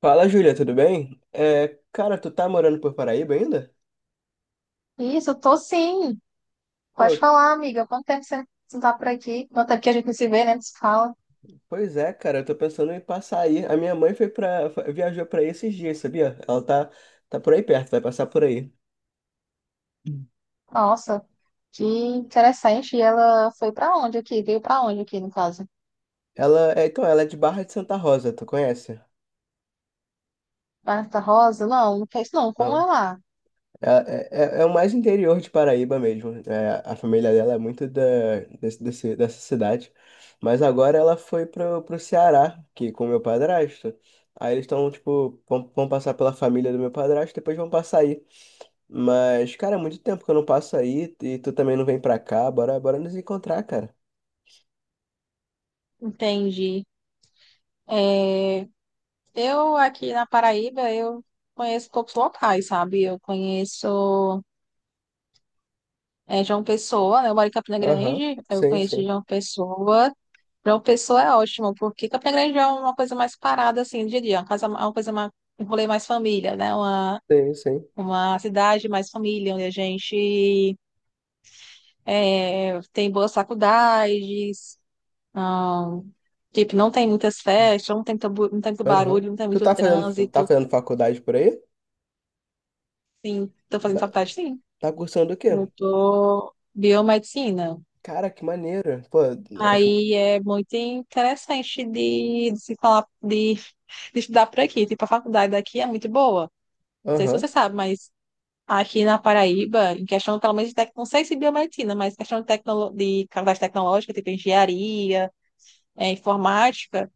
Fala, Júlia, tudo bem? É, cara, tu tá morando por Paraíba ainda? Isso, eu tô sim. Pô, Pode t- falar, amiga. Quanto tempo você não tá por aqui? Quanto tempo que a gente não se vê, né? Não se fala. pois é, cara, eu tô pensando em passar aí. A minha mãe foi para viajou pra aí esses dias, sabia? Ela tá por aí perto, vai passar por aí. Hum. Nossa, que interessante. E ela foi pra onde aqui? Veio pra onde aqui, no caso? Então, ela é de Barra de Santa Rosa, tu conhece? Marta Rosa? Não, não fez não. Como é Não. lá? É, é, é o mais interior de Paraíba mesmo. É, a família dela é muito dessa cidade. Mas agora ela foi pro Ceará, que com meu padrasto. Aí eles estão, tipo, vão passar pela família do meu padrasto, depois vão passar aí. Mas, cara, é muito tempo que eu não passo aí e tu também não vem pra cá. Bora, bora nos encontrar, cara. Entendi. Eu aqui na Paraíba, eu conheço poucos locais, sabe? Eu conheço João Pessoa, né? Eu moro em Campina Aham, Grande. Eu sim, conheço sim. João Pessoa. Para o pessoa é ótimo, porque Campina Grande é uma coisa mais parada, assim, eu diria, uma casa, uma coisa mais, um rolê mais família, né? Uma, Sim, sim. uma cidade mais família, onde a gente tem boas faculdades, ah, tipo, não tem muitas festas, não tem muito Aham. barulho, não tem muito Tá trânsito. fazendo faculdade por aí? Sim, estou fazendo Tá, faculdade, sim. tá cursando o quê? Eu tô biomedicina. Cara, que maneiro. Pô, eu acho. Aí é muito interessante de se falar, de estudar por aqui. Tipo, a faculdade daqui é muito boa. Não sei se Aham. você sabe, mas aqui na Paraíba, em questão, pelo menos, não sei se biomedicina, mas questão de faculdade tecnológica, tipo engenharia, informática,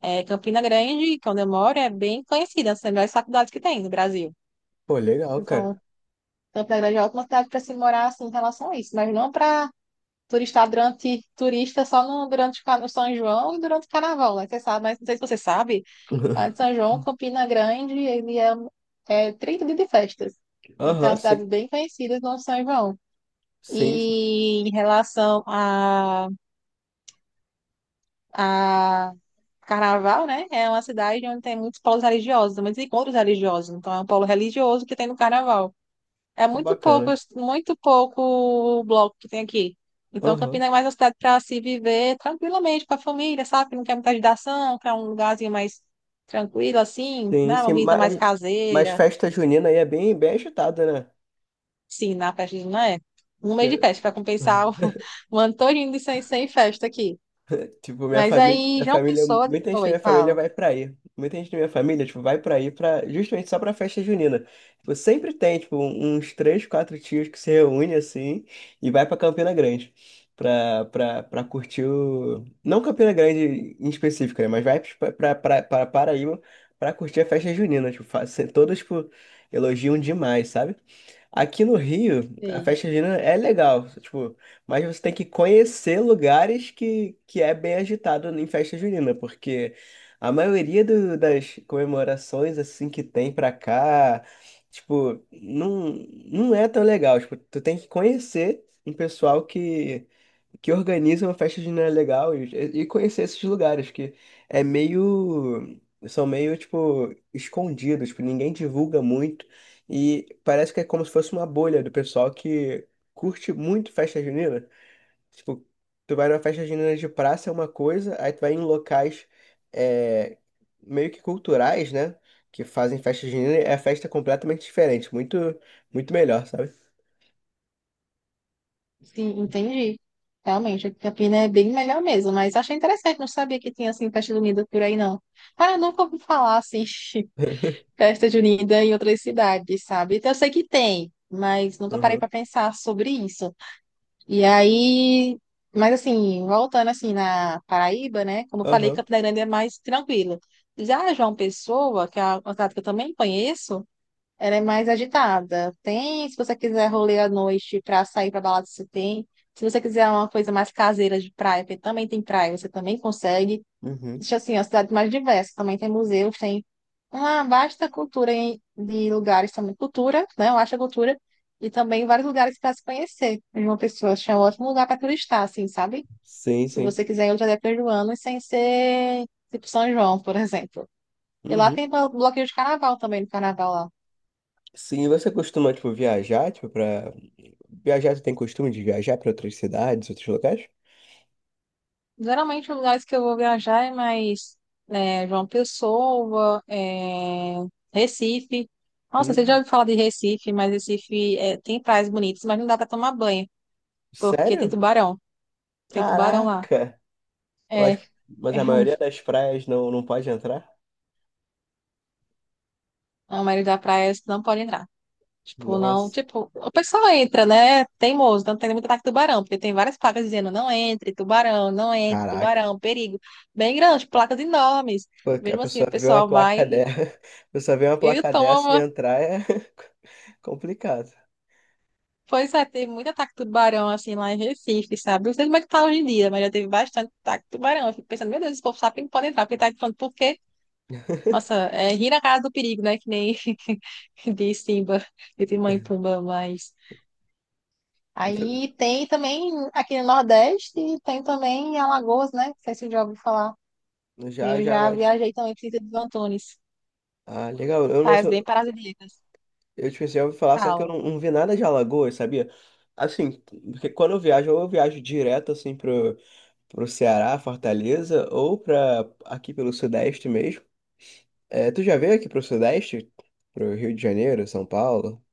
Campina Grande, que é onde eu moro, é bem conhecida, é uma das melhores faculdades que tem no Brasil. Pô, legal, cara. Então, Campina Grande é uma ótima cidade para se morar, assim, em relação a isso, mas não para turista durante turista só no São João e durante o Carnaval, né? Você sabe, mas não sei se você sabe, mas São João, Campina Grande, ele é 30 dias de festas. Então, é uma Aham, cidade sim. bem conhecida no São João. Sim, sim. E em relação a Carnaval, né? É uma cidade onde tem muitos polos religiosos, muitos encontros religiosos. Então, é um polo religioso que tem no Carnaval. É Pô, bacana. muito pouco o bloco que tem aqui. Então, Aham. Campinas é mais uma cidade para se viver tranquilamente com a família, sabe? Que não quer muita agitação, quer um lugarzinho mais tranquilo, assim, Sim, né? Uma sim. vida mais Mas caseira, festa junina aí é bem, bem agitada, né? sim, na festa não é? Um mês de Porque- festa para compensar o, o ano todinho de sem festa aqui. Tipo, Mas aí, minha João família, Pessoa. muita gente da Oi, minha família fala. vai pra aí. Muita gente da minha família, tipo, vai pra aí pra, justamente só pra festa junina. Tipo, sempre tem, tipo, uns três, quatro tios que se reúnem assim e vai pra Campina Grande. Pra curtir o. Não Campina Grande em específico, né? Mas vai pra Paraíba pra curtir a festa junina. Tipo, todos, tipo, elogiam demais, sabe? Aqui no Rio, a Sei. festa junina é legal. Tipo. Mas você tem que conhecer lugares que é bem agitado em festa junina, porque a maioria das comemorações assim que tem pra cá, tipo, não, não é tão legal. Tipo, tu tem que conhecer um pessoal que organiza uma festa junina legal e conhecer esses lugares que é meio são meio tipo escondidos, tipo, ninguém divulga muito e parece que é como se fosse uma bolha do pessoal que curte muito festa junina? Tipo, tu vai numa festa junina de praça é uma coisa, aí tu vai em locais é, meio que culturais, né? Que fazem festa junina, é festa é completamente diferente, muito, muito melhor, sabe? Sim, entendi. Realmente, aqui Campina é bem melhor mesmo, mas achei interessante, não sabia que tinha assim festa junina por aí, não. Cara, eu nunca ouvi falar assim. festa junina em outras cidades, sabe? Então, eu sei que tem, mas nunca parei Aham, para pensar sobre isso. E aí, mas assim, voltando assim na Paraíba, né? Como eu falei, aham, Campina Grande é mais tranquilo. Já João Pessoa, que é uma cidade que eu também conheço, ela é mais agitada. Tem, se você quiser rolê à noite para sair para balada, você tem. Se você quiser uma coisa mais caseira de praia, porque também tem praia, você também consegue. uhum. Existe, assim, a cidade mais diversa. Também tem museus, tem uma vasta cultura de lugares também. Cultura, né? Eu acho a cultura. E também vários lugares para se conhecer. E uma pessoa acho é um ótimo lugar para turistar, assim, sabe? Sim, Se sim. você quiser ir outra época do ano e sem ser tipo São João, por exemplo. E lá Uhum. tem bloqueio de carnaval também, no carnaval lá. Sim, e você costuma, tipo, viajar, tipo, pra... Viajar, você tem costume de viajar pra outras cidades, outros locais? Geralmente, os lugares que eu vou viajar é mais João Pessoa, Recife. Nossa, você já Hum, ouviu falar de Recife, mas Recife tem praias bonitas, mas não dá para tomar banho, porque tem sério? tubarão. Tem tubarão lá. Caraca! É, Mas, mas é, a um, maioria das praias não, não pode entrar? a maioria das praias não pode entrar. Tipo, não, Nossa, tipo, o pessoal entra, né? Teimoso, não tem muito ataque de tubarão, porque tem várias placas dizendo não entre, tubarão, não entre, caraca. tubarão, perigo. Bem grandes, placas enormes. Pô, a Mesmo assim, o pessoa vê uma pessoal vai placa dessa, a pessoa vê uma e placa dessa e toma. entrar é complicado. Pois é, teve muito ataque de tubarão assim lá em Recife, sabe? Não sei como é que tá hoje em dia, mas já teve bastante ataque de tubarão. Eu fico pensando, meu Deus, esse povo sabe que não pode entrar, porque tá falando, por quê? Nossa, é rir na casa do perigo, né? Que nem de Simba, de Timão e Pumba, mas. Então, Aí tem também aqui no Nordeste, tem também em Alagoas, né? Não sei se eu já ouvi falar. E já, eu já, já mas. viajei também para Sítio dos Antunes. Ah, legal. Faz bem para as ilhas. Eu tipo assim, eu ouvi falar, só que eu não, não vi nada de Alagoas, sabia? Assim, porque quando eu viajo, ou eu viajo direto assim pro Ceará, Fortaleza, ou pra aqui pelo Sudeste mesmo. É, tu já veio aqui pro Sudeste? Pro Rio de Janeiro, São Paulo?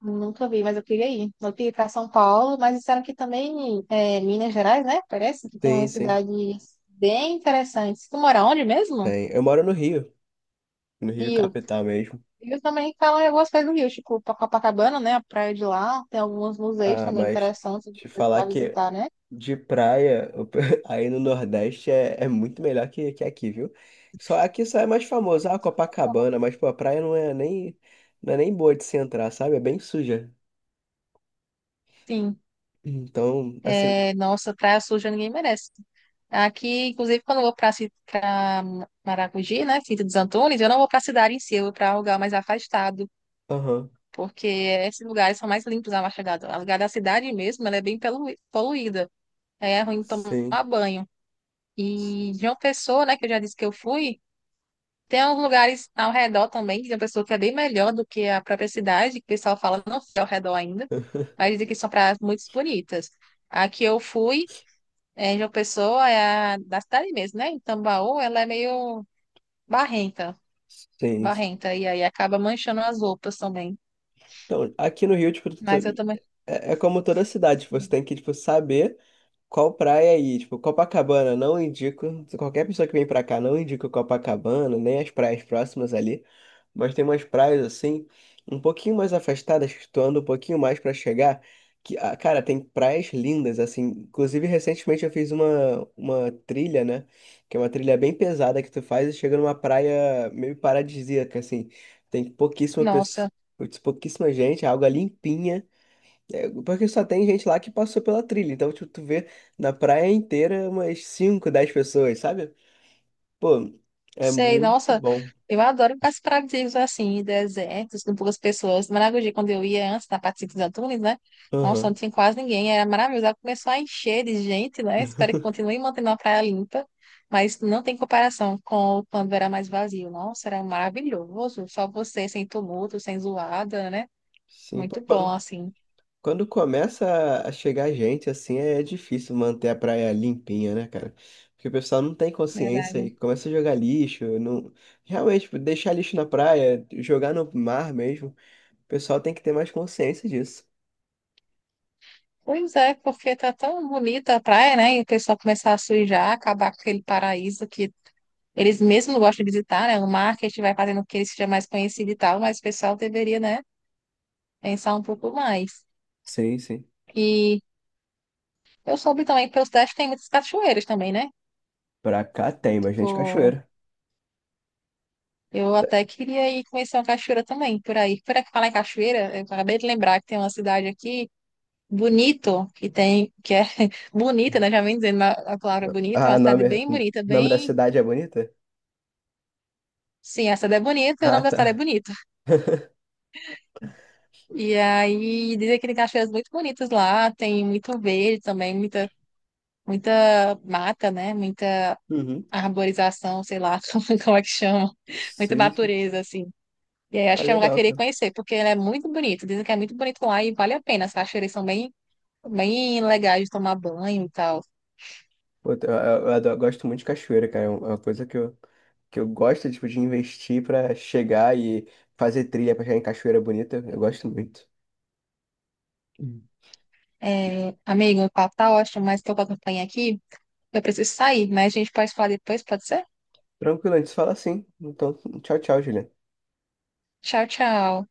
Nunca vi, mas eu queria ir. Eu queria ir para São Paulo, mas disseram que também Minas Gerais, né? Parece que tem Sim, umas sim. cidades bem interessantes. Tu mora onde mesmo? Tem. Eu moro no Rio. No Rio Rio. Capital mesmo. Rio também falam algumas coisas do Rio, tipo Copacabana, né? A praia de lá. Tem alguns museus Ah, também mas interessantes te falar para que visitar, né? de praia, aí no Nordeste é muito melhor que aqui, viu? Só aqui só é mais famoso, ah, Copacabana, mas pô, a praia não é nem, não é nem boa de se entrar, sabe? É bem suja. Sim. Então, assim, É, nossa, praia suja ninguém merece. Aqui, inclusive, quando eu vou para Maragogi, né? Cinto dos Antunes, eu não vou para a cidade em si, eu vou para um lugar mais afastado. aham, Porque esses lugares são mais limpos a Machadado. A lugar da cidade mesmo, ela é bem poluída, aí é ruim tomar sim. banho. E de uma pessoa, né, que eu já disse que eu fui, tem alguns lugares ao redor também, de uma pessoa que é bem melhor do que a própria cidade, que o pessoal fala, não fui ao redor ainda, mas dizem que são praias muito bonitas. A que eu fui, de uma pessoa, é a da cidade mesmo, né, em Tambaú, ela é meio barrenta, Sim, sim. barrenta, e aí acaba manchando as roupas também. Então, aqui no Rio, tipo, Mas eu também, é, é como toda cidade, tipo, você tem que, tipo, saber qual praia ir. Tipo, Copacabana, não indico. Qualquer pessoa que vem pra cá, não indica Copacabana, nem as praias próximas ali. Mas tem umas praias, assim, um pouquinho mais afastadas, que tu anda um pouquinho mais pra chegar. Que, ah, cara, tem praias lindas, assim. Inclusive, recentemente eu fiz uma trilha, né? Que é uma trilha bem pesada que tu faz e chega numa praia meio paradisíaca, assim. Tem pouquíssima nossa. Pouquíssima gente, a água limpinha. É, porque só tem gente lá que passou pela trilha. Então, tipo, tu vê na praia inteira umas 5 10 pessoas, sabe? Pô, é Sei, muito nossa, bom. eu adoro lugares paradisíacos assim, desertos, com poucas pessoas. Maragogi, quando eu ia antes, na parte de Santos Antunes, né? Nossa, Aham. não tinha quase ninguém, era maravilhoso. Ela começou a encher de gente, né? Espero que continue mantendo a praia limpa, mas não tem comparação com quando era mais vazio. Nossa, era maravilhoso, só você, sem tumulto, sem zoada, né? Sim, pô, Muito bom, assim. quando começa a chegar gente, assim, é difícil manter a praia limpinha, né, cara? Porque o pessoal não tem consciência e Verdade. começa a jogar lixo. Não... Realmente, tipo, deixar lixo na praia, jogar no mar mesmo. O pessoal tem que ter mais consciência disso. Pois é, porque tá tão bonita a praia, né? E o pessoal começar a sujar, acabar com aquele paraíso que eles mesmo gostam de visitar, né? O marketing vai fazendo com que ele seja mais conhecido e tal, mas o pessoal deveria, né, pensar um pouco mais. Sim, sim. E eu soube também que pela cidade tem muitas cachoeiras também, né? Pra cá tem bastante Tipo, cachoeira. eu até queria ir conhecer uma cachoeira também, por aí. Por aqui falar em cachoeira, eu acabei de lembrar que tem uma cidade aqui, Bonito, que tem, que é bonita, né? Já vem dizendo a palavra bonita, é Ah, uma cidade nome, bem bonita, nome da bem. cidade é bonita? Sim, a cidade é bonita, o Ah, nome da cidade é tá. Bonito. E aí dizem que tem cachoeiras muito bonitas lá, tem muito verde também, muita mata, né? Muita Uhum. arborização, sei lá como é que chama. Muita Sim, sim. natureza, assim. E aí Ah, acho que é um lugar que legal, eu queria cara. conhecer, porque ele é muito bonito. Dizem que é muito bonito lá e vale a pena. As cachoeiras são bem, bem legais de tomar banho e tal. Pô, gosto muito de cachoeira, cara. É uma coisa que eu gosto, tipo, de investir pra chegar e fazer trilha pra chegar em cachoeira bonita. Eu gosto muito. Hum. É, amigo, o papo tá ótimo, mas tô com a campanha aqui. Eu preciso sair, mas a gente pode falar depois, pode ser? Tranquilo, a gente se fala assim. Então, tchau, tchau, Juliana. Tchau, tchau.